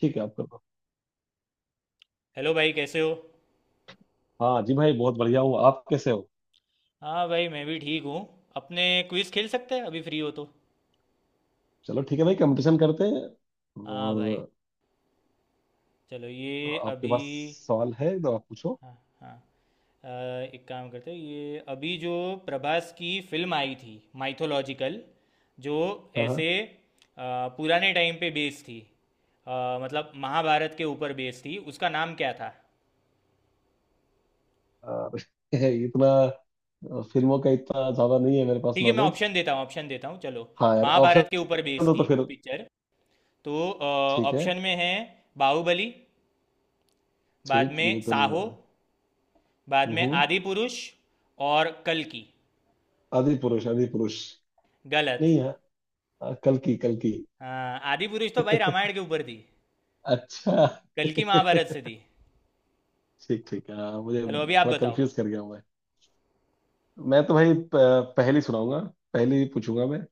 ठीक है आप कर दो। हेलो भाई, कैसे हो। हाँ जी भाई, बहुत बढ़िया हूँ, आप कैसे हो? हाँ भाई, मैं भी ठीक हूँ। अपने क्विज खेल सकते हैं अभी फ्री हो तो। चलो ठीक है भाई, कंपटीशन करते हैं। हाँ भाई, और। चलो तो ये आपके अभी। पास सवाल है तो आप पूछो। हाँ, हाँ। अ, एक काम करते हैं, ये अभी जो प्रभास की फिल्म आई थी माइथोलॉजिकल, जो हाँ, हाँ। ऐसे पुराने टाइम पे बेस्ड थी। मतलब महाभारत के ऊपर बेस्ड थी, उसका नाम क्या था। और इतना फिल्मों का इतना ज्यादा नहीं है मेरे पास ठीक है, मैं नॉलेज। ऑप्शन देता हूँ, ऑप्शन देता हूँ, चलो। हाँ यार, महाभारत ऑप्शन के ऊपर बेस्ड दो तो थी फिर वो पिक्चर। तो ठीक है। ऑप्शन में है बाहुबली, बाद ठीक, में ये तो नहीं साहो, होगा। बाद में हम्म। आदि पुरुष, और कल की। आदि पुरुष, आदि पुरुष गलत। नहीं है। कल की, कल की। हाँ, आदि पुरुष तो भाई रामायण के ऊपर थी। अच्छा। कल की महाभारत ठीक, से थी। ठीक, हाँ मुझे चलो अभी आप थोड़ा बताओ। कंफ्यूज कर गया हूँ मैं। मैं तो भाई पहली सुनाऊंगा, पहली पूछूंगा मैं।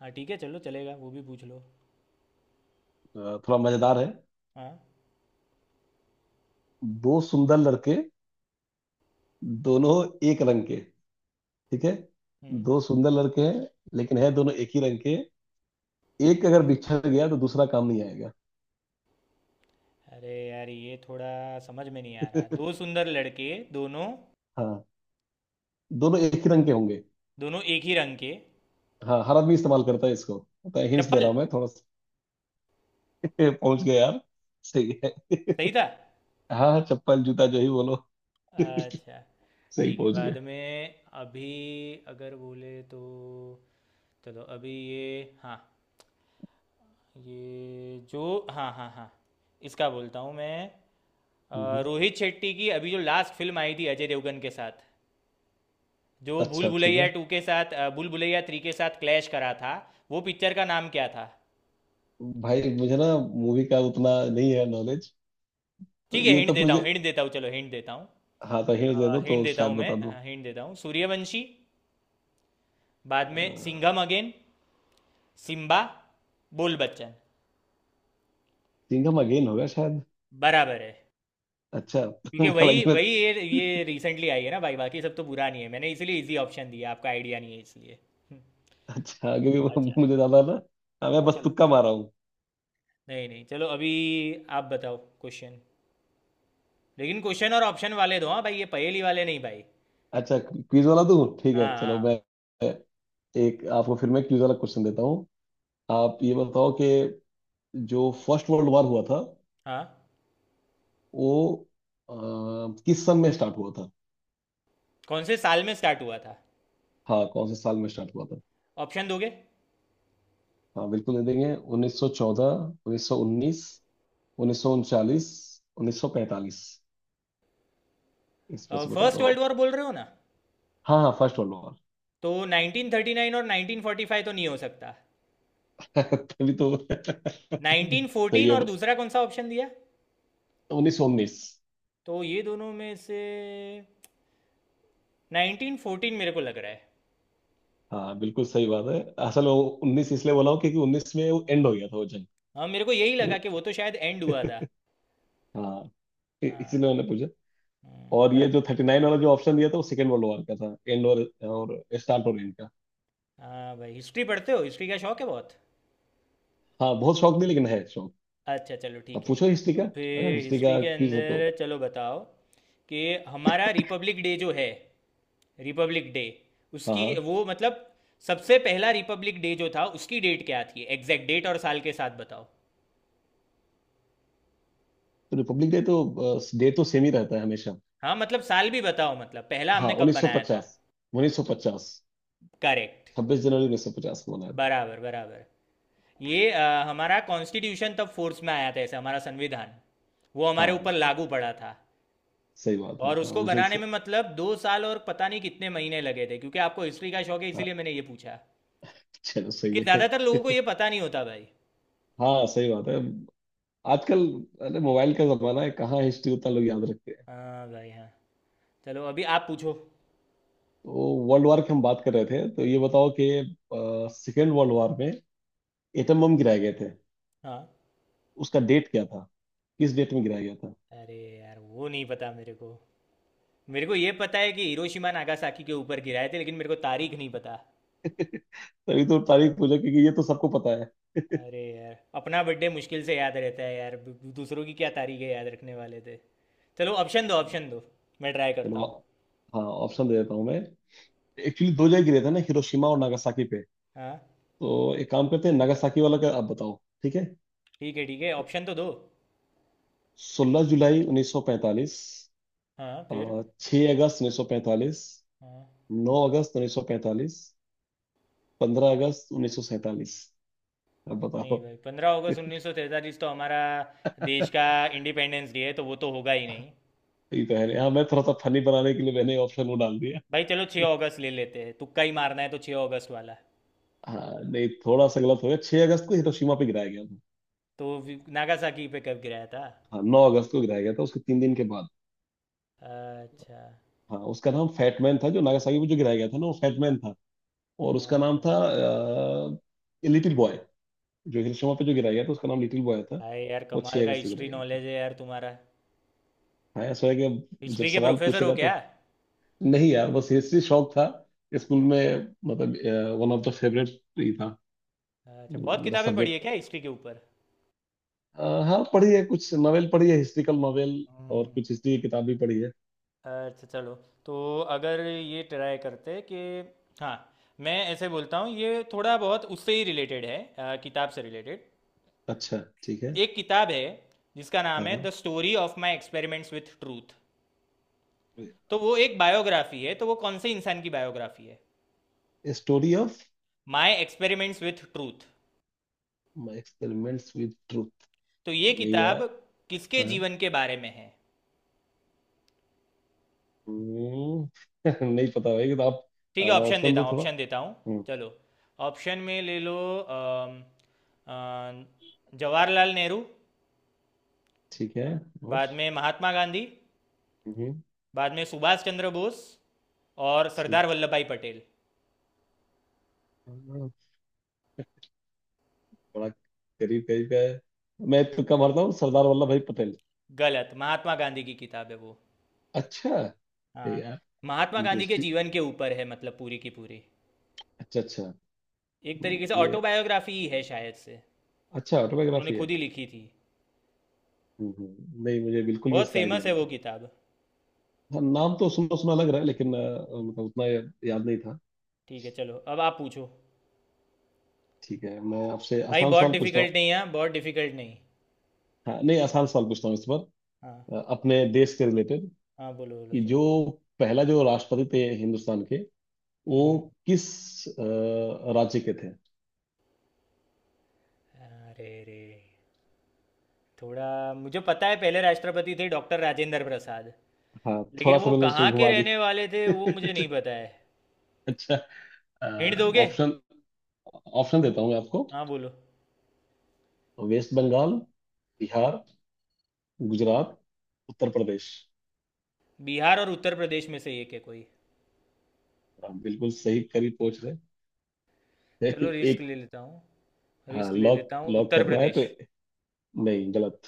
हाँ, ठीक है, चलो, चलेगा, वो भी पूछ लो। अ, थोड़ा मजेदार है। हाँ। दो सुंदर लड़के, दोनों एक रंग के, ठीक है। हम्म। दो सुंदर लड़के हैं, लेकिन है दोनों एक ही रंग के। एक अगर बिछड़ गया तो दूसरा काम नहीं आएगा। अरे यार, ये थोड़ा समझ में नहीं आ रहा, दो सुंदर लड़के दोनों, हाँ, दोनों एक ही रंग के होंगे। दोनों एक ही रंग के। हाँ, हर आदमी इस्तेमाल करता है इसको। मैं हिंट्स दे रहा चप्पल। हूँ, मैं थोड़ा सा। पहुंच गया यार, सही है। सही था। हाँ हाँ, चप्पल जूता जो ही बोलो। अच्छा, सही ठीक है, पहुंच गए। बाद में। अभी अगर बोले तो चलो अभी ये हाँ, ये जो, हाँ हाँ हाँ, इसका बोलता हूँ मैं। हम्म, हम्म। रोहित शेट्टी की अभी जो लास्ट फिल्म आई थी अजय देवगन के साथ, जो भूल अच्छा ठीक भुलैया है, टू के साथ भूल भुलैया थ्री के साथ क्लैश करा था, वो पिक्चर का नाम क्या था। भाई मुझे ना मूवी का उतना नहीं है नॉलेज। तो ठीक है, ये हिंट तो देता मुझे, हूँ, हिंट देता हूँ, चलो हिंट देता हूँ। हाँ तो हिंट दे दो हिंट तो देता शायद हूँ मैं। बता हिंट देता हूँ, सूर्यवंशी, बाद में दो। सिंघम अगेन, सिम्बा, बोल बच्चन। सिंघम अगेन होगा शायद। बराबर है। अच्छा। क्योंकि हालांकि वही मैं, वही ये रिसेंटली आई है ना भाई, बाकी सब तो पुरानी है, मैंने इसलिए इजी ऑप्शन दिया, आपका आइडिया नहीं है इसलिए। हम्म। अच्छा आगे भी अच्छा। मुझे ज्यादा ना। हाँ, मैं हाँ, बस चलो। तुक्का मार रहा हूँ। नहीं नहीं, चलो अभी आप बताओ क्वेश्चन। लेकिन क्वेश्चन और ऑप्शन वाले दो, हाँ भाई, ये पहेली वाले नहीं भाई। अच्छा, क्विज वाला तू ठीक है, हाँ, चलो हाँ, मैं एक आपको फिर मैं क्विज वाला क्वेश्चन देता हूँ। आप ये बताओ कि जो फर्स्ट वर्ल्ड वॉर हुआ था, हाँ। वो अ, किस सन में स्टार्ट हुआ था। कौन से साल में स्टार्ट हुआ था। हाँ, कौन से साल में स्टार्ट हुआ था। ऑप्शन दोगे। हाँ बिल्कुल दे देंगे, 1914, 1919, 1939, 1945। इस पर से बता फर्स्ट दो वर्ल्ड आप। वॉर बोल रहे हो ना। हाँ हाँ, फर्स्ट वर्ल्ड वॉर। तो 1939 और 1945 तो नहीं हो सकता। तभी तो। तो ये 1914 और दूसरा कौन सा ऑप्शन दिया। 1919। तो ये दोनों में से 1914 मेरे को लग रहा है। हाँ बिल्कुल सही बात है। असल वो उन्नीस इसलिए बोला हूँ क्योंकि उन्नीस में वो एंड हो गया था वो जंग। हाँ, मेरे को यही लगा जो, कि वो तो शायद एंड हुआ था। हाँ हाँ। इसीलिए मैंने पूछा। और ये जो बराबर 39 वाला जो ऑप्शन दिया था वो सेकेंड वर्ल्ड वॉर का था, एंड और स्टार्ट और एंड का। है। हाँ भाई, हिस्ट्री पढ़ते हो, हिस्ट्री का शौक है बहुत। हाँ बहुत शौक नहीं, लेकिन है शौक। अच्छा चलो अब ठीक है। पूछो हिस्ट्री का, तो अगर फिर हिस्ट्री हिस्ट्री का के क्विज हो तो। अंदर चलो बताओ कि हमारा रिपब्लिक डे जो है, रिपब्लिक डे, हाँ, उसकी हाँ। वो मतलब सबसे पहला रिपब्लिक डे जो था, उसकी डेट क्या थी, एग्जैक्ट डेट और साल के साथ बताओ। तो रिपब्लिक डे तो, डे तो सेम ही रहता है हमेशा। हाँ, मतलब साल भी बताओ, मतलब पहला हाँ, हमने कब उन्नीस सौ बनाया था। पचास 1950। करेक्ट। 26 जनवरी 1950 को मनाया था। बराबर, बराबर। ये हमारा कॉन्स्टिट्यूशन तब फोर्स में आया था, ऐसे हमारा संविधान वो हमारे ऊपर हाँ लागू पड़ा था। सही बात है, और हाँ उसको उस दिन बनाने से। में मतलब दो साल और पता नहीं कितने महीने लगे थे, क्योंकि आपको हिस्ट्री का शौक है हाँ, इसीलिए मैंने ये पूछा। चलो क्योंकि सही है। ज़्यादातर लोगों को ये पता नहीं होता भाई। हाँ सही बात है आजकल। अरे मोबाइल का जमाना है, कहाँ हिस्ट्री उतना लोग याद रखते हैं। हाँ भाई, हाँ। चलो अभी आप पूछो। तो वर्ल्ड वॉर की हम बात कर रहे थे तो ये बताओ कि सेकेंड वर्ल्ड वॉर में एटम बम गिराए गए थे। हाँ। उसका डेट क्या था, किस डेट में गिराया गया था। अरे यार, वो नहीं पता मेरे को। मेरे को ये पता है कि हिरोशिमा नागासाकी के ऊपर गिराए थे, लेकिन मेरे को तारीख नहीं पता। तभी तो तारीख पूछा, क्योंकि ये तो सबको पता है। अरे यार, अपना बर्थडे मुश्किल से याद रहता है यार, दूसरों की क्या तारीखें याद रखने वाले थे। चलो ऑप्शन दो, ऑप्शन दो, मैं ट्राई करता चलो। हूँ। हाँ ऑप्शन दे देता हूँ मैं। एक्चुअली दो जगह गिरे थे ना, हिरोशिमा और नागासाकी पे। हाँ, तो एक काम करते हैं, नागासाकी वाला का आप बताओ। ठीक है। ठीक है, ठीक है, ऑप्शन तो दो। 16 जुलाई 1945, हाँ, फिर। 6 अगस्त 1945, हाँ। 9 अगस्त 1945, 15 अगस्त 1947। अब नहीं बताओ। भाई, पंद्रह अगस्त उन्नीस सौ तैंतालीस तो हमारा देश का इंडिपेंडेंस डे है, तो वो तो होगा ही नहीं। ये तो है नहीं, हाँ मैं थोड़ा सा फनी बनाने के लिए मैंने ऑप्शन वो डाल दिया। भाई चलो छः अगस्त ले लेते हैं, तुक्का ही मारना है तो छः अगस्त वाला। हाँ नहीं थोड़ा सा गलत हो गया, 6 अगस्त को हिरोशिमा पे गिराया गया था। तो नागासाकी पे कब गिराया था। हाँ, 9 अगस्त को गिराया गया था उसके 3 दिन के बाद। अच्छा। हाँ उसका नाम फैटमैन था, जो नागासाकी में जो गिराया गया था ना, वो फैटमैन था। और उसका नाम अच्छा। था लिटिल बॉय, जो हिरोशिमा पे जो गिराया गया था उसका नाम लिटिल बॉय था। भाई यार वो कमाल छह का अगस्त को हिस्ट्री गिराया गया था। नॉलेज है यार तुम्हारा। हाँ ऐसा है कि जब हिस्ट्री के सवाल प्रोफेसर पूछे हो रहा था। क्या। नहीं यार, बस हिस्ट्री शौक था स्कूल में मतलब। वन ऑफ द फेवरेट ही था। अच्छा, बहुत मेरा किताबें पढ़ी सब्जेक्ट है था। क्या हिस्ट्री के हाँ पढ़ी है, कुछ नॉवेल पढ़ी है हिस्ट्रिकल नॉवेल, और ऊपर। कुछ हिस्ट्री की किताब भी पढ़ी है। अच्छा चलो। तो अगर ये ट्राई करते कि, हाँ मैं ऐसे बोलता हूँ, ये थोड़ा बहुत उससे ही रिलेटेड है, किताब से रिलेटेड। अच्छा ठीक है। एक किताब है जिसका नाम हाँ है हाँ। The story of my experiments with truth. तो वो एक बायोग्राफी है, तो वो कौन से इंसान की बायोग्राफी है। Story of my experiments with truth. My experiments with truth. तो ये नहीं किताब यार। किसके हाँ। जीवन के बारे में है। हम्म। नहीं पता भाई किताब। ठीक है, ऑप्शन ऑप्शन देता दो हूँ, थोड़ा। ऑप्शन देता हूँ। हम्म। चलो, ऑप्शन में ले लो। अम, अ, जवाहरलाल नेहरू, ठीक है। और। बाद में महात्मा गांधी, हम्म। बाद में सुभाष चंद्र बोस, और सरदार ठीक। वल्लभ भाई पटेल। हाँ, बड़ा करीब करीब का है। मैं तुक्का मारता हूँ सरदार वल्लभ भाई पटेल। गलत, महात्मा गांधी की किताब है वो। अच्छा। ये हाँ, यार, महात्मा गांधी के इंटरेस्टिंग। जीवन के ऊपर है, मतलब पूरी की पूरी। अच्छा अच्छा। एक तरीके से ये ऑटोबायोग्राफी ही है शायद से। अच्छा उन्होंने ऑटोबायोग्राफी है। खुद ही लिखी थी। नहीं मुझे बिल्कुल भी बहुत इसका आइडिया फेमस है नहीं वो था। किताब। हाँ, नाम तो सुना सुना लग रहा है लेकिन मतलब उतना याद नहीं था। ठीक है, चलो, अब आप पूछो। ठीक है मैं आपसे भाई आसान बहुत सवाल पूछता डिफिकल्ट हूँ। नहीं है, बहुत डिफिकल्ट नहीं। हाँ नहीं आसान सवाल पूछता हूँ इस बार। हाँ, अपने देश के रिलेटेड हाँ, बोलो बोलो, कि जो चलो। पहला जो राष्ट्रपति थे हिंदुस्तान के, हम्म, वो हम्म। किस राज्य के थे। अरे रे, थोड़ा, मुझे पता है पहले राष्ट्रपति थे डॉक्टर राजेंद्र प्रसाद, हाँ लेकिन थोड़ा सा वो मैंने उसको कहाँ के घुमा रहने वाले थे वो मुझे दिया। नहीं पता है। अच्छा हिंट दोगे। ऑप्शन, ऑप्शन देता हूँ मैं आपको। हाँ बोलो। तो वेस्ट बंगाल, बिहार, गुजरात, उत्तर प्रदेश। बिहार और उत्तर प्रदेश में से एक है कोई। आप बिल्कुल सही करीब पहुंच रहे हैं। चलो रिस्क एक। ले लेता हूँ, हाँ रिस्क ले लॉक, लेता हूँ लॉक उत्तर करना है तो। प्रदेश। नहीं गलत।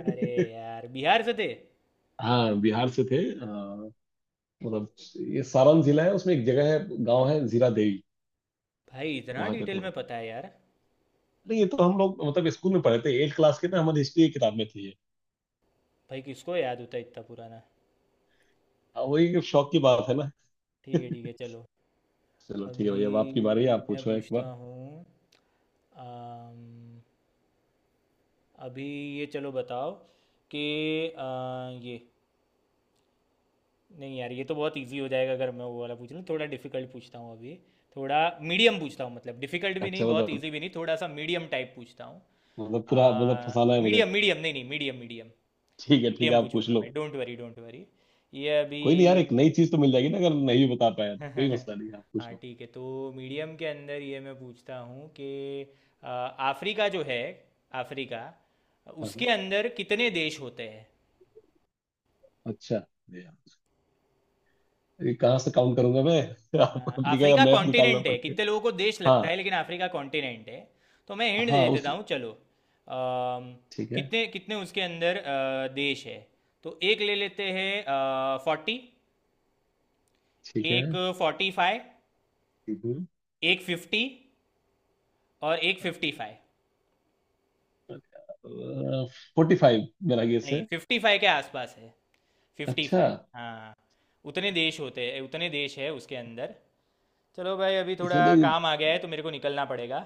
अरे यार, बिहार से थे। हाँ बिहार से थे। मतलब ये सारण जिला है, उसमें एक जगह है, गांव है जीरा देवी, भाई इतना वहां के डिटेल थे। में पता है यार। नहीं ये तो हम लोग मतलब स्कूल में पढ़े थे एट क्लास के ना, हमारी हिस्ट्री की किताब में थी ये। भाई किसको याद होता है इतना पुराना। हाँ, वही एक शौक की बात चलो है ना। ठीक है, ठीक है, चलो। चलो ठीक है अभी भैया, अब आपकी बारी है, आप मैं पूछो एक पूछता बार। हूँ। अम, अभी ये, चलो बताओ कि ये, नहीं यार, ये तो बहुत इजी हो जाएगा, अगर मैं वो वाला पूछ लूँ, थोड़ा डिफिकल्ट पूछता हूँ अभी। थोड़ा मीडियम पूछता हूँ, मतलब डिफिकल्ट भी नहीं, अच्छा बहुत मतलब, इजी भी नहीं, थोड़ा सा मीडियम टाइप पूछता हूँ। मतलब पूरा मतलब फंसाना है मुझे। मीडियम मीडियम, नहीं नहीं, मीडियम मीडियम। ठीक है ठीक है, मीडियम आप पूछ पूछूंगा लो। मैं, डोंट वरी, डोंट वरी। ये अभी कोई नहीं यार, एक नई चीज तो मिल जाएगी ना, अगर नहीं भी बता पाया तो कोई मसला नहीं है, आप हाँ पूछो। ठीक है। तो मीडियम के अंदर ये मैं पूछता हूँ कि अ, अफ्रीका जो है, अफ्रीका, हाँ, हाँ। उसके अंदर कितने देश होते हैं। अच्छा अरे यार, ये कहाँ से काउंट करूंगा मैं। आप हाँ, अफ्रीका का अफ्रीका मैप निकालना कॉन्टिनेंट है, कितने पड़ेगा। लोगों को देश लगता है हाँ, लेकिन अफ्रीका कॉन्टिनेंट है। तो मैं हिंट हाँ दे उस देता हूँ, चलो ठीक है कितने कितने उसके अंदर देश है। तो एक ले लेते हैं फोर्टी, ठीक है। एक फोर्टी फाइव, एक फिफ्टी, और एक फिफ्टी फाइव। 45 मेरा गेस नहीं, है। फिफ्टी फाइव के आसपास है, फिफ्टी अच्छा। फाइव। हाँ, उतने देश होते हैं, उतने देश है उसके अंदर। चलो भाई, अभी थोड़ा इसका तो, काम आ गया है तो मेरे को निकलना पड़ेगा।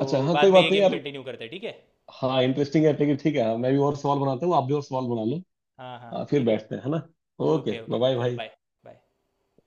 अच्छा हाँ कोई बाद में बात ये नहीं गेम यार। कंटिन्यू करते हैं, ठीक है। हाँ इंटरेस्टिंग है लेकिन ठीक है। हाँ मैं भी और सवाल बनाता हूँ, आप भी और सवाल बना लो। हाँ, हाँ, आ, फिर ठीक है? बैठते हैं है ना। Okay okay, bye okay, bye चलो, भाई। Bye, bye.